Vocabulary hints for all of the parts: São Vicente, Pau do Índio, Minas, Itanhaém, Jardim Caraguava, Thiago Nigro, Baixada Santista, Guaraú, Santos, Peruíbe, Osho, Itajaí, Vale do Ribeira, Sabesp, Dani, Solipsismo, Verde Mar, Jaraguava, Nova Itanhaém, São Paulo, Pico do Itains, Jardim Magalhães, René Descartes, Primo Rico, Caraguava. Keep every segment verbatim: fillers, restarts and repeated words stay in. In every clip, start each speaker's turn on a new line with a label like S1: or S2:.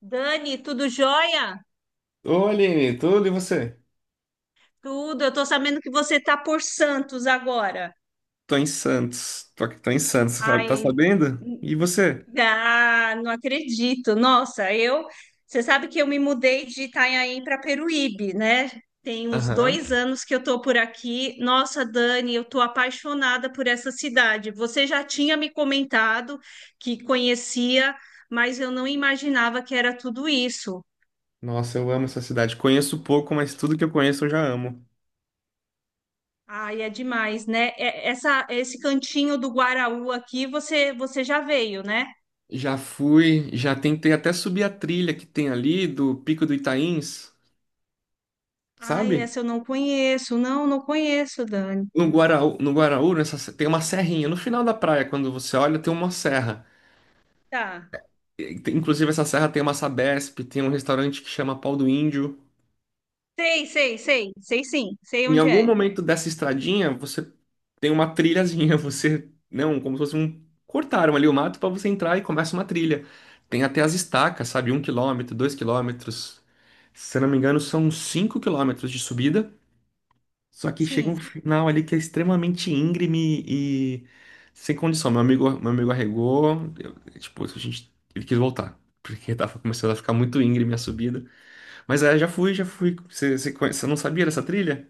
S1: Dani, tudo jóia?
S2: Ô, Aline, tudo e você?
S1: Tudo. Eu tô sabendo que você tá por Santos agora.
S2: Tô em Santos. Tô, aqui- tô em Santos, sabe? Tá
S1: Ai,
S2: sabendo?
S1: n-
S2: E você?
S1: ah, não acredito. Nossa, eu. Você sabe que eu me mudei de Itanhaém para Peruíbe, né? Tem uns
S2: Aham.
S1: dois anos que eu tô por aqui. Nossa, Dani, eu tô apaixonada por essa cidade. Você já tinha me comentado que conhecia, mas eu não imaginava que era tudo isso.
S2: Nossa, eu amo essa cidade. Conheço pouco, mas tudo que eu conheço eu já amo.
S1: Ai, é demais, né? É- Essa, esse cantinho do Guaraú aqui, você, você já veio, né?
S2: Já fui, já tentei até subir a trilha que tem ali do Pico do Itains,
S1: Ai,
S2: sabe?
S1: essa eu não conheço. Não, não conheço, Dani.
S2: No Guaraú, no Guaraú, nessa, se- tem uma serrinha. No final da praia, quando você olha, tem uma serra.
S1: Tá.
S2: E tem- Inclusive, essa serra tem uma Sabesp, tem um restaurante que chama Pau do Índio.
S1: Sei, sei, sei. Sei sim. Sei
S2: Em
S1: onde
S2: algum
S1: é.
S2: momento dessa estradinha, você tem uma trilhazinha, você, não, como se fosse um, cortaram ali o mato para você entrar e começa uma trilha. Tem até as estacas, sabe? Um quilômetro, dois quilômetros. Se eu não me engano, são cinco quilômetros de subida. Só que chega um
S1: Sim.
S2: final ali que é extremamente íngreme e sem condição. Meu amigo, meu amigo arregou, eu- tipo, a gente, ele quis voltar. Porque tava começando a ficar muito íngreme a subida. Mas aí eu já fui, já fui. Você, você, conhe- você não sabia dessa trilha?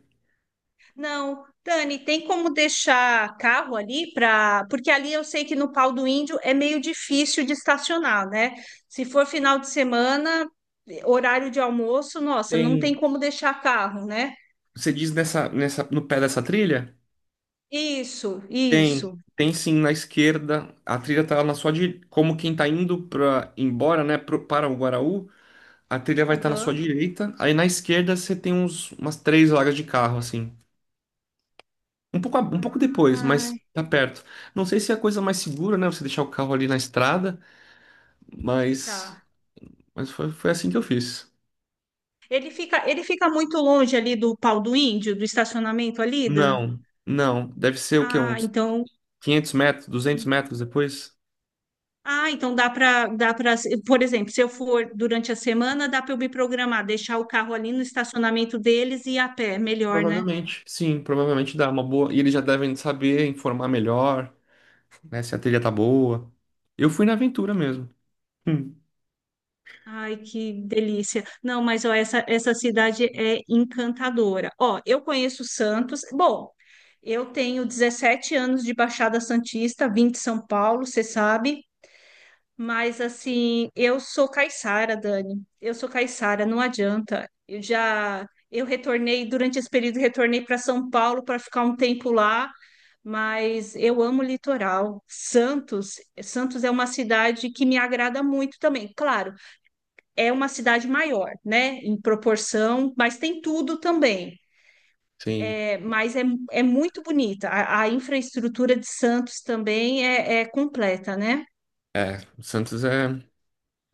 S1: Não, Dani, tem como deixar carro ali para. Porque ali eu sei que no Pau do Índio é meio difícil de estacionar, né? Se for final de semana, horário de almoço, nossa, não tem
S2: Tem.
S1: como deixar carro, né?
S2: Você diz nessa, nessa, no pé dessa trilha?
S1: Isso,
S2: Tem,
S1: isso.
S2: tem sim na esquerda. A trilha tá na sua direita. Como quem tá indo para embora, né, pro- para o Guaraú, a trilha vai estar na sua
S1: Aham.
S2: direita. Aí na esquerda você tem uns, umas três vagas de carro, assim. Um pouco, a- um pouco depois,
S1: Ah,
S2: mas tá perto. Não sei se é a coisa mais segura, né, você deixar o carro ali na estrada, mas,
S1: tá.
S2: mas foi, foi assim que eu fiz.
S1: Ele fica, ele fica muito longe ali do Pau do Índio, do estacionamento ali, da...
S2: Não, não. Deve ser o quê?
S1: Ah,
S2: Uns
S1: então.
S2: quinhentos metros, duzentos metros depois?
S1: Ah, então dá para, dá para, por exemplo, se eu for durante a semana, dá para eu me programar, deixar o carro ali no estacionamento deles e ir a pé, melhor, né?
S2: Provavelmente, sim, provavelmente dá uma boa. E eles já devem saber informar melhor, né? Se a trilha tá boa. Eu fui na aventura mesmo. Hum.
S1: Ai, que delícia. Não, mas ó, essa, essa cidade é encantadora. Ó, eu conheço Santos. Bom, eu tenho dezessete anos de Baixada Santista, vim de São Paulo, você sabe. Mas assim, eu sou caiçara, Dani. Eu sou caiçara, não adianta. Eu já eu retornei durante esse período, retornei para São Paulo para ficar um tempo lá, mas eu amo o litoral. Santos, Santos é uma cidade que me agrada muito também. Claro, é uma cidade maior, né, em proporção, mas tem tudo também.
S2: Sim,
S1: É, mas é, é muito bonita. A, a infraestrutura de Santos também é, é completa, né?
S2: o Santos é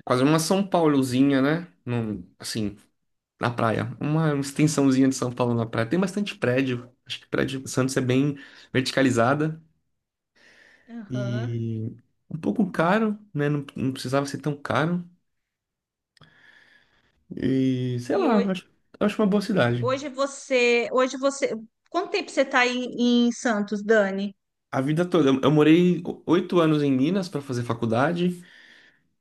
S2: quase uma São Paulozinha, né? Num- assim, na praia. Uma extensãozinha de São Paulo na praia. Tem bastante prédio. Acho que prédio Santos é bem verticalizada
S1: Aham.
S2: e um pouco caro, né? Não, não precisava ser tão caro. E sei
S1: E
S2: lá,
S1: ho-
S2: acho, acho uma boa cidade.
S1: Hoje você, hoje você, quanto tempo você está em, em Santos, Dani?
S2: A vida toda. Eu eu morei o- oito anos em Minas para fazer faculdade,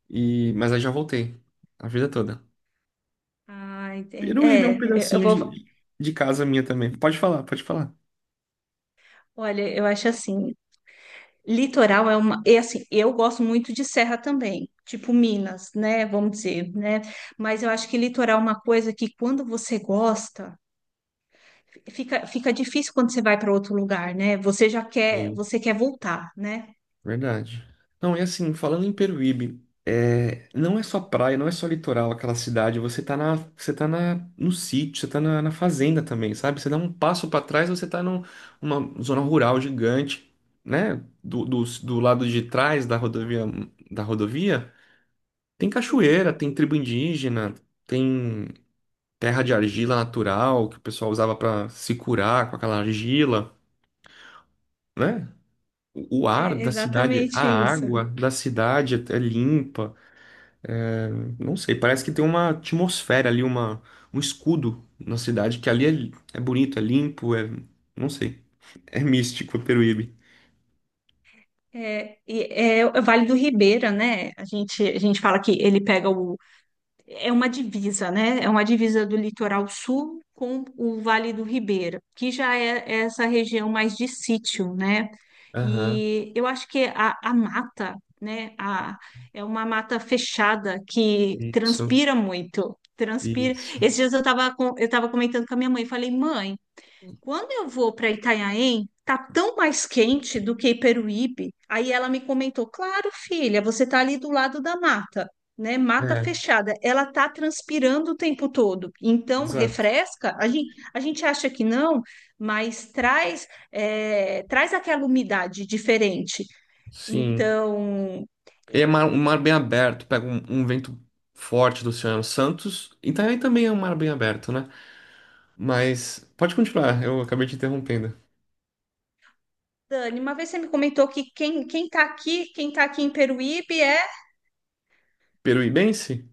S2: e mas aí já voltei. A vida toda.
S1: Ah, entendi.
S2: Peruíbe é
S1: É,
S2: um
S1: eu eu
S2: pedacinho
S1: vou,
S2: de, de casa minha também. Pode falar, pode falar.
S1: olha, eu acho assim, litoral é uma, é assim, eu gosto muito de serra também, tipo Minas, né, vamos dizer, né? Mas eu acho que litoral é uma coisa que quando você gosta, fica, fica difícil quando você vai para outro lugar, né? Você já quer,
S2: Sim.
S1: você quer voltar, né?
S2: Verdade. Não, é assim, falando em Peruíbe, é, não é só praia, não é só litoral aquela cidade. Você tá na, você tá na, no sítio, você tá na, na fazenda também, sabe? Você dá um passo para trás, você tá num- numa zona rural gigante, né? Do, do, do lado de trás da rodovia, da rodovia. Tem
S1: Sim,
S2: cachoeira, tem tribo indígena, tem terra de argila natural que o pessoal usava para se curar com aquela argila, né? O o ar
S1: é
S2: da cidade, a
S1: exatamente isso.
S2: água da cidade é é limpa. Não sei, parece que tem uma atmosfera ali, uma, um escudo na cidade que ali é, é bonito, é limpo, é, não sei, é místico, é Peruíbe.
S1: É, e é, o Vale do Ribeira, né? A gente, a gente fala que ele pega o. É uma divisa, né? É uma divisa do litoral sul com o Vale do Ribeira, que já é é essa região mais de sítio, né?
S2: Aham,
S1: E eu acho que a, a mata, né? A, é uma mata fechada que
S2: isso,
S1: transpira muito. Transpira.
S2: isso.
S1: Esses dias eu estava eu tava comentando com a minha mãe, falei, mãe. Quando eu vou para Itanhaém, tá tão mais quente do que Peruíbe. Aí ela me comentou: "Claro, filha, você tá ali do lado da mata, né? Mata
S2: É,
S1: fechada. Ela tá transpirando o tempo todo. Então,
S2: exato.
S1: refresca. A gente, a gente acha que não, mas traz é, traz aquela umidade diferente.
S2: Sim.
S1: Então,
S2: É mar, um mar bem aberto, pega um, um vento forte do Oceano Santos. Itajaí também é um mar bem aberto, né? Mas pode continuar, eu acabei te interrompendo.
S1: Dani, uma vez você me comentou que quem, quem tá aqui, quem tá aqui em Peruíbe é
S2: Peruibense?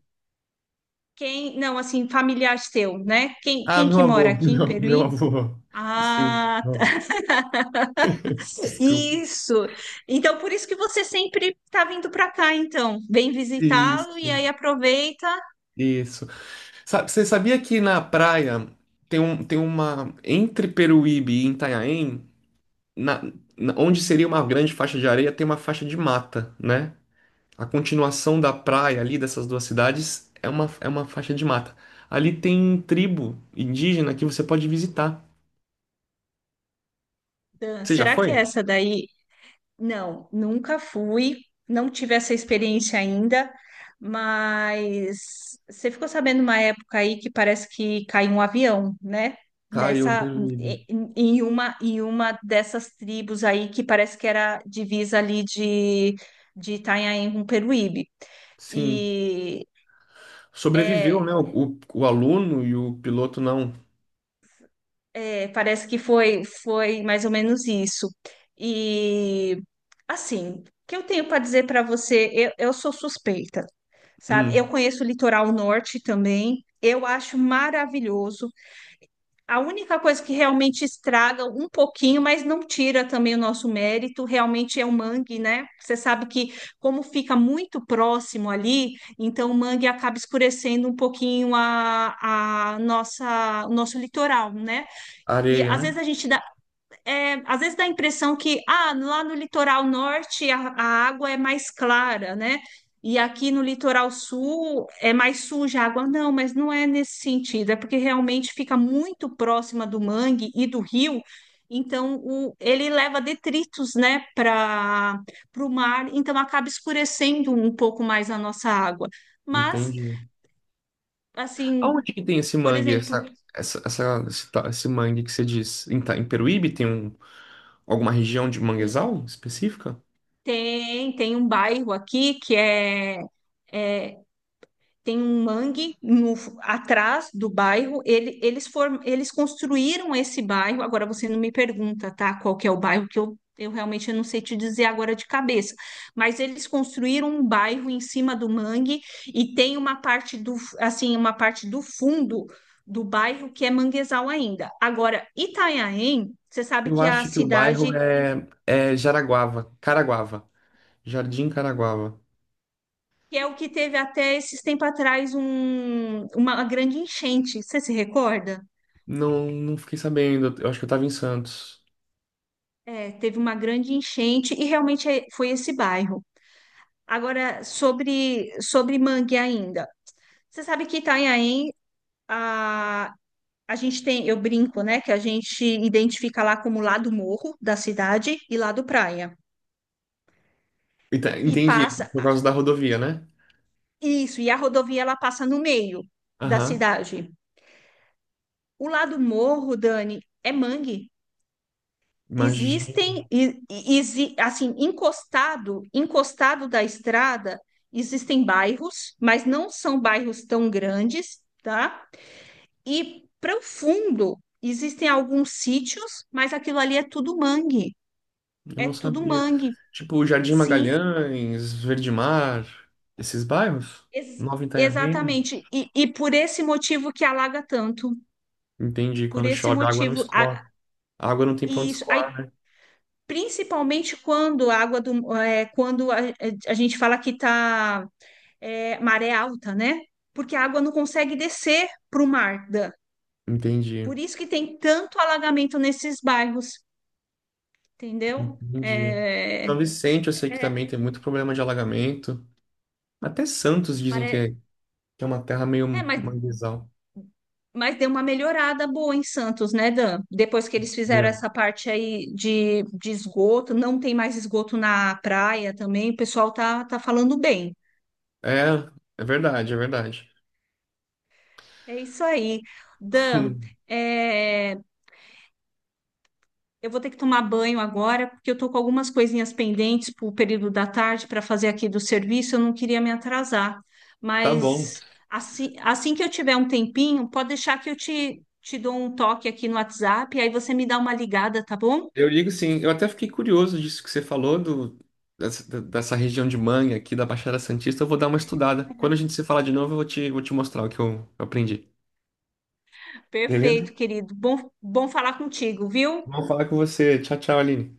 S1: quem, não, assim, familiar seu, né? Quem,
S2: Ah,
S1: quem
S2: meu
S1: que mora
S2: avô,
S1: aqui em
S2: meu, meu
S1: Peruíbe?
S2: avô. Sim,
S1: Ah,
S2: não,
S1: tá-
S2: desculpa.
S1: isso. Então, por isso que você sempre tá vindo para cá, então. Vem visitá-lo e
S2: Isso,
S1: aí aproveita.
S2: isso. Sa- Você sabia que na praia tem, um, tem uma. Entre Peruíbe e Itanhaém, na, na- onde seria uma grande faixa de areia, tem uma faixa de mata, né? A continuação da praia ali dessas duas cidades é uma, é uma faixa de mata. Ali tem tribo indígena que você pode visitar.
S1: Ah,
S2: Você já
S1: será que é
S2: foi?
S1: essa daí? Não, nunca fui, não tive essa experiência ainda, mas você ficou sabendo uma época aí que parece que caiu um avião, né?
S2: Caiu um
S1: Nessa,
S2: período.
S1: em em uma, em uma dessas tribos aí que parece que era divisa ali de, de Itanhaém com Peruíbe.
S2: Sim.
S1: e
S2: Sobreviveu, né?
S1: É,
S2: O, o aluno e o piloto não.
S1: é, parece que foi, foi mais ou menos isso. E assim, o que eu tenho para dizer para você? Eu, eu sou suspeita, sabe?
S2: Hum,
S1: Eu conheço o litoral norte também. Eu acho maravilhoso. A única coisa que realmente estraga um pouquinho, mas não tira também o nosso mérito, realmente é o mangue, né? Você sabe que como fica muito próximo ali, então o mangue acaba escurecendo um pouquinho a, a nossa, o nosso litoral, né? E
S2: areia,
S1: às
S2: né?
S1: vezes a gente dá, é, às vezes dá a impressão que ah, lá no litoral norte a, a água é mais clara, né? E aqui no litoral sul é mais suja a água. Não, mas não é nesse sentido, é porque realmente fica muito próxima do mangue e do rio, então o, ele leva detritos, né, para o mar, então acaba escurecendo um pouco mais a nossa água. Mas,
S2: Entendi. Aonde
S1: assim,
S2: que tem esse
S1: por
S2: mangue,
S1: exemplo,
S2: essa, essa, essa- esse, ta- esse mangue que você diz? Em, Ta- em Peruíbe tem um, alguma região de manguezal específica?
S1: tem, tem um bairro aqui que é é, tem um mangue no- atrás do bairro. Ele- eles, form- eles construíram esse bairro. Agora você não me pergunta, tá? Qual que é o bairro que eu, eu realmente não sei te dizer agora de cabeça. Mas eles construíram um bairro em cima do mangue e tem uma parte do, assim, uma parte do fundo do bairro que é manguezal ainda. Agora, Itanhaém, você sabe
S2: Eu
S1: que é a
S2: acho que o bairro
S1: cidade
S2: é, é Jaraguava, Caraguava, Jardim Caraguava.
S1: que é o que teve até esses tempos atrás um- uma grande enchente. Você se recorda?
S2: Não, não fiquei sabendo. Eu acho que eu tava em Santos.
S1: É, teve uma grande enchente e realmente é- foi esse bairro. Agora, sobre, sobre mangue ainda. Você sabe que Itanhaém, a, a gente tem, eu brinco, né, que a gente identifica lá como lado morro da cidade e lado praia.
S2: Ent-
S1: E
S2: Entendi,
S1: passa,
S2: por
S1: ah,
S2: causa da rodovia, né?
S1: isso, e a rodovia ela passa no meio da
S2: Aham.
S1: cidade. O lado morro, Dani, é mangue.
S2: Imagina,
S1: Existem, e- e- exi- assim, encostado, encostado da estrada, existem bairros, mas não são bairros tão grandes, tá? E para o fundo, existem alguns sítios, mas aquilo ali é tudo mangue.
S2: eu
S1: É
S2: não
S1: tudo
S2: sabia.
S1: mangue,
S2: Tipo, Jardim
S1: sim,
S2: Magalhães, Verde Mar, esses bairros?
S1: ex-
S2: Nova Itanhaém.
S1: exatamente. E, e por esse motivo que alaga tanto,
S2: Entendi,
S1: por
S2: quando
S1: esse
S2: chove, a água não
S1: motivo. A,
S2: escoa. A água não tem pra
S1: e
S2: onde
S1: isso, aí,
S2: escoar.
S1: principalmente quando a água do, é, quando a, a gente fala que está é, maré alta, né? Porque a água não consegue descer para o mar, Dan.
S2: Entendi,
S1: Por isso que tem tanto alagamento nesses bairros, entendeu?
S2: entendi.
S1: É,
S2: São Vicente, eu sei que também
S1: é,
S2: tem muito problema de alagamento. Até Santos dizem que é,
S1: pare-
S2: que é uma terra meio
S1: é, mas,
S2: manguezal.
S1: mas deu uma melhorada boa em Santos, né, Dan? Depois que eles fizeram
S2: Entendeu?
S1: essa parte aí de, de esgoto, não tem mais esgoto na praia também, o pessoal tá, tá falando bem.
S2: É, é verdade, é verdade.
S1: É isso aí. Dan, é, eu vou ter que tomar banho agora, porque eu tô com algumas coisinhas pendentes para o período da tarde para fazer aqui do serviço. Eu não queria me atrasar,
S2: Tá bom.
S1: mas assim, assim que eu tiver um tempinho, pode deixar que eu te, te dou um toque aqui no WhatsApp, aí você me dá uma ligada, tá bom?
S2: Eu ligo sim. Eu até fiquei curioso disso que você falou, do, dessa, dessa região de Mangue aqui da Baixada Santista. Eu vou dar uma estudada. Quando a gente se falar de novo, eu vou te, vou te mostrar o que eu, eu aprendi. Beleza?
S1: Perfeito, querido. Bom, bom falar contigo, viu?
S2: Vou falar com você. Tchau, tchau, Aline.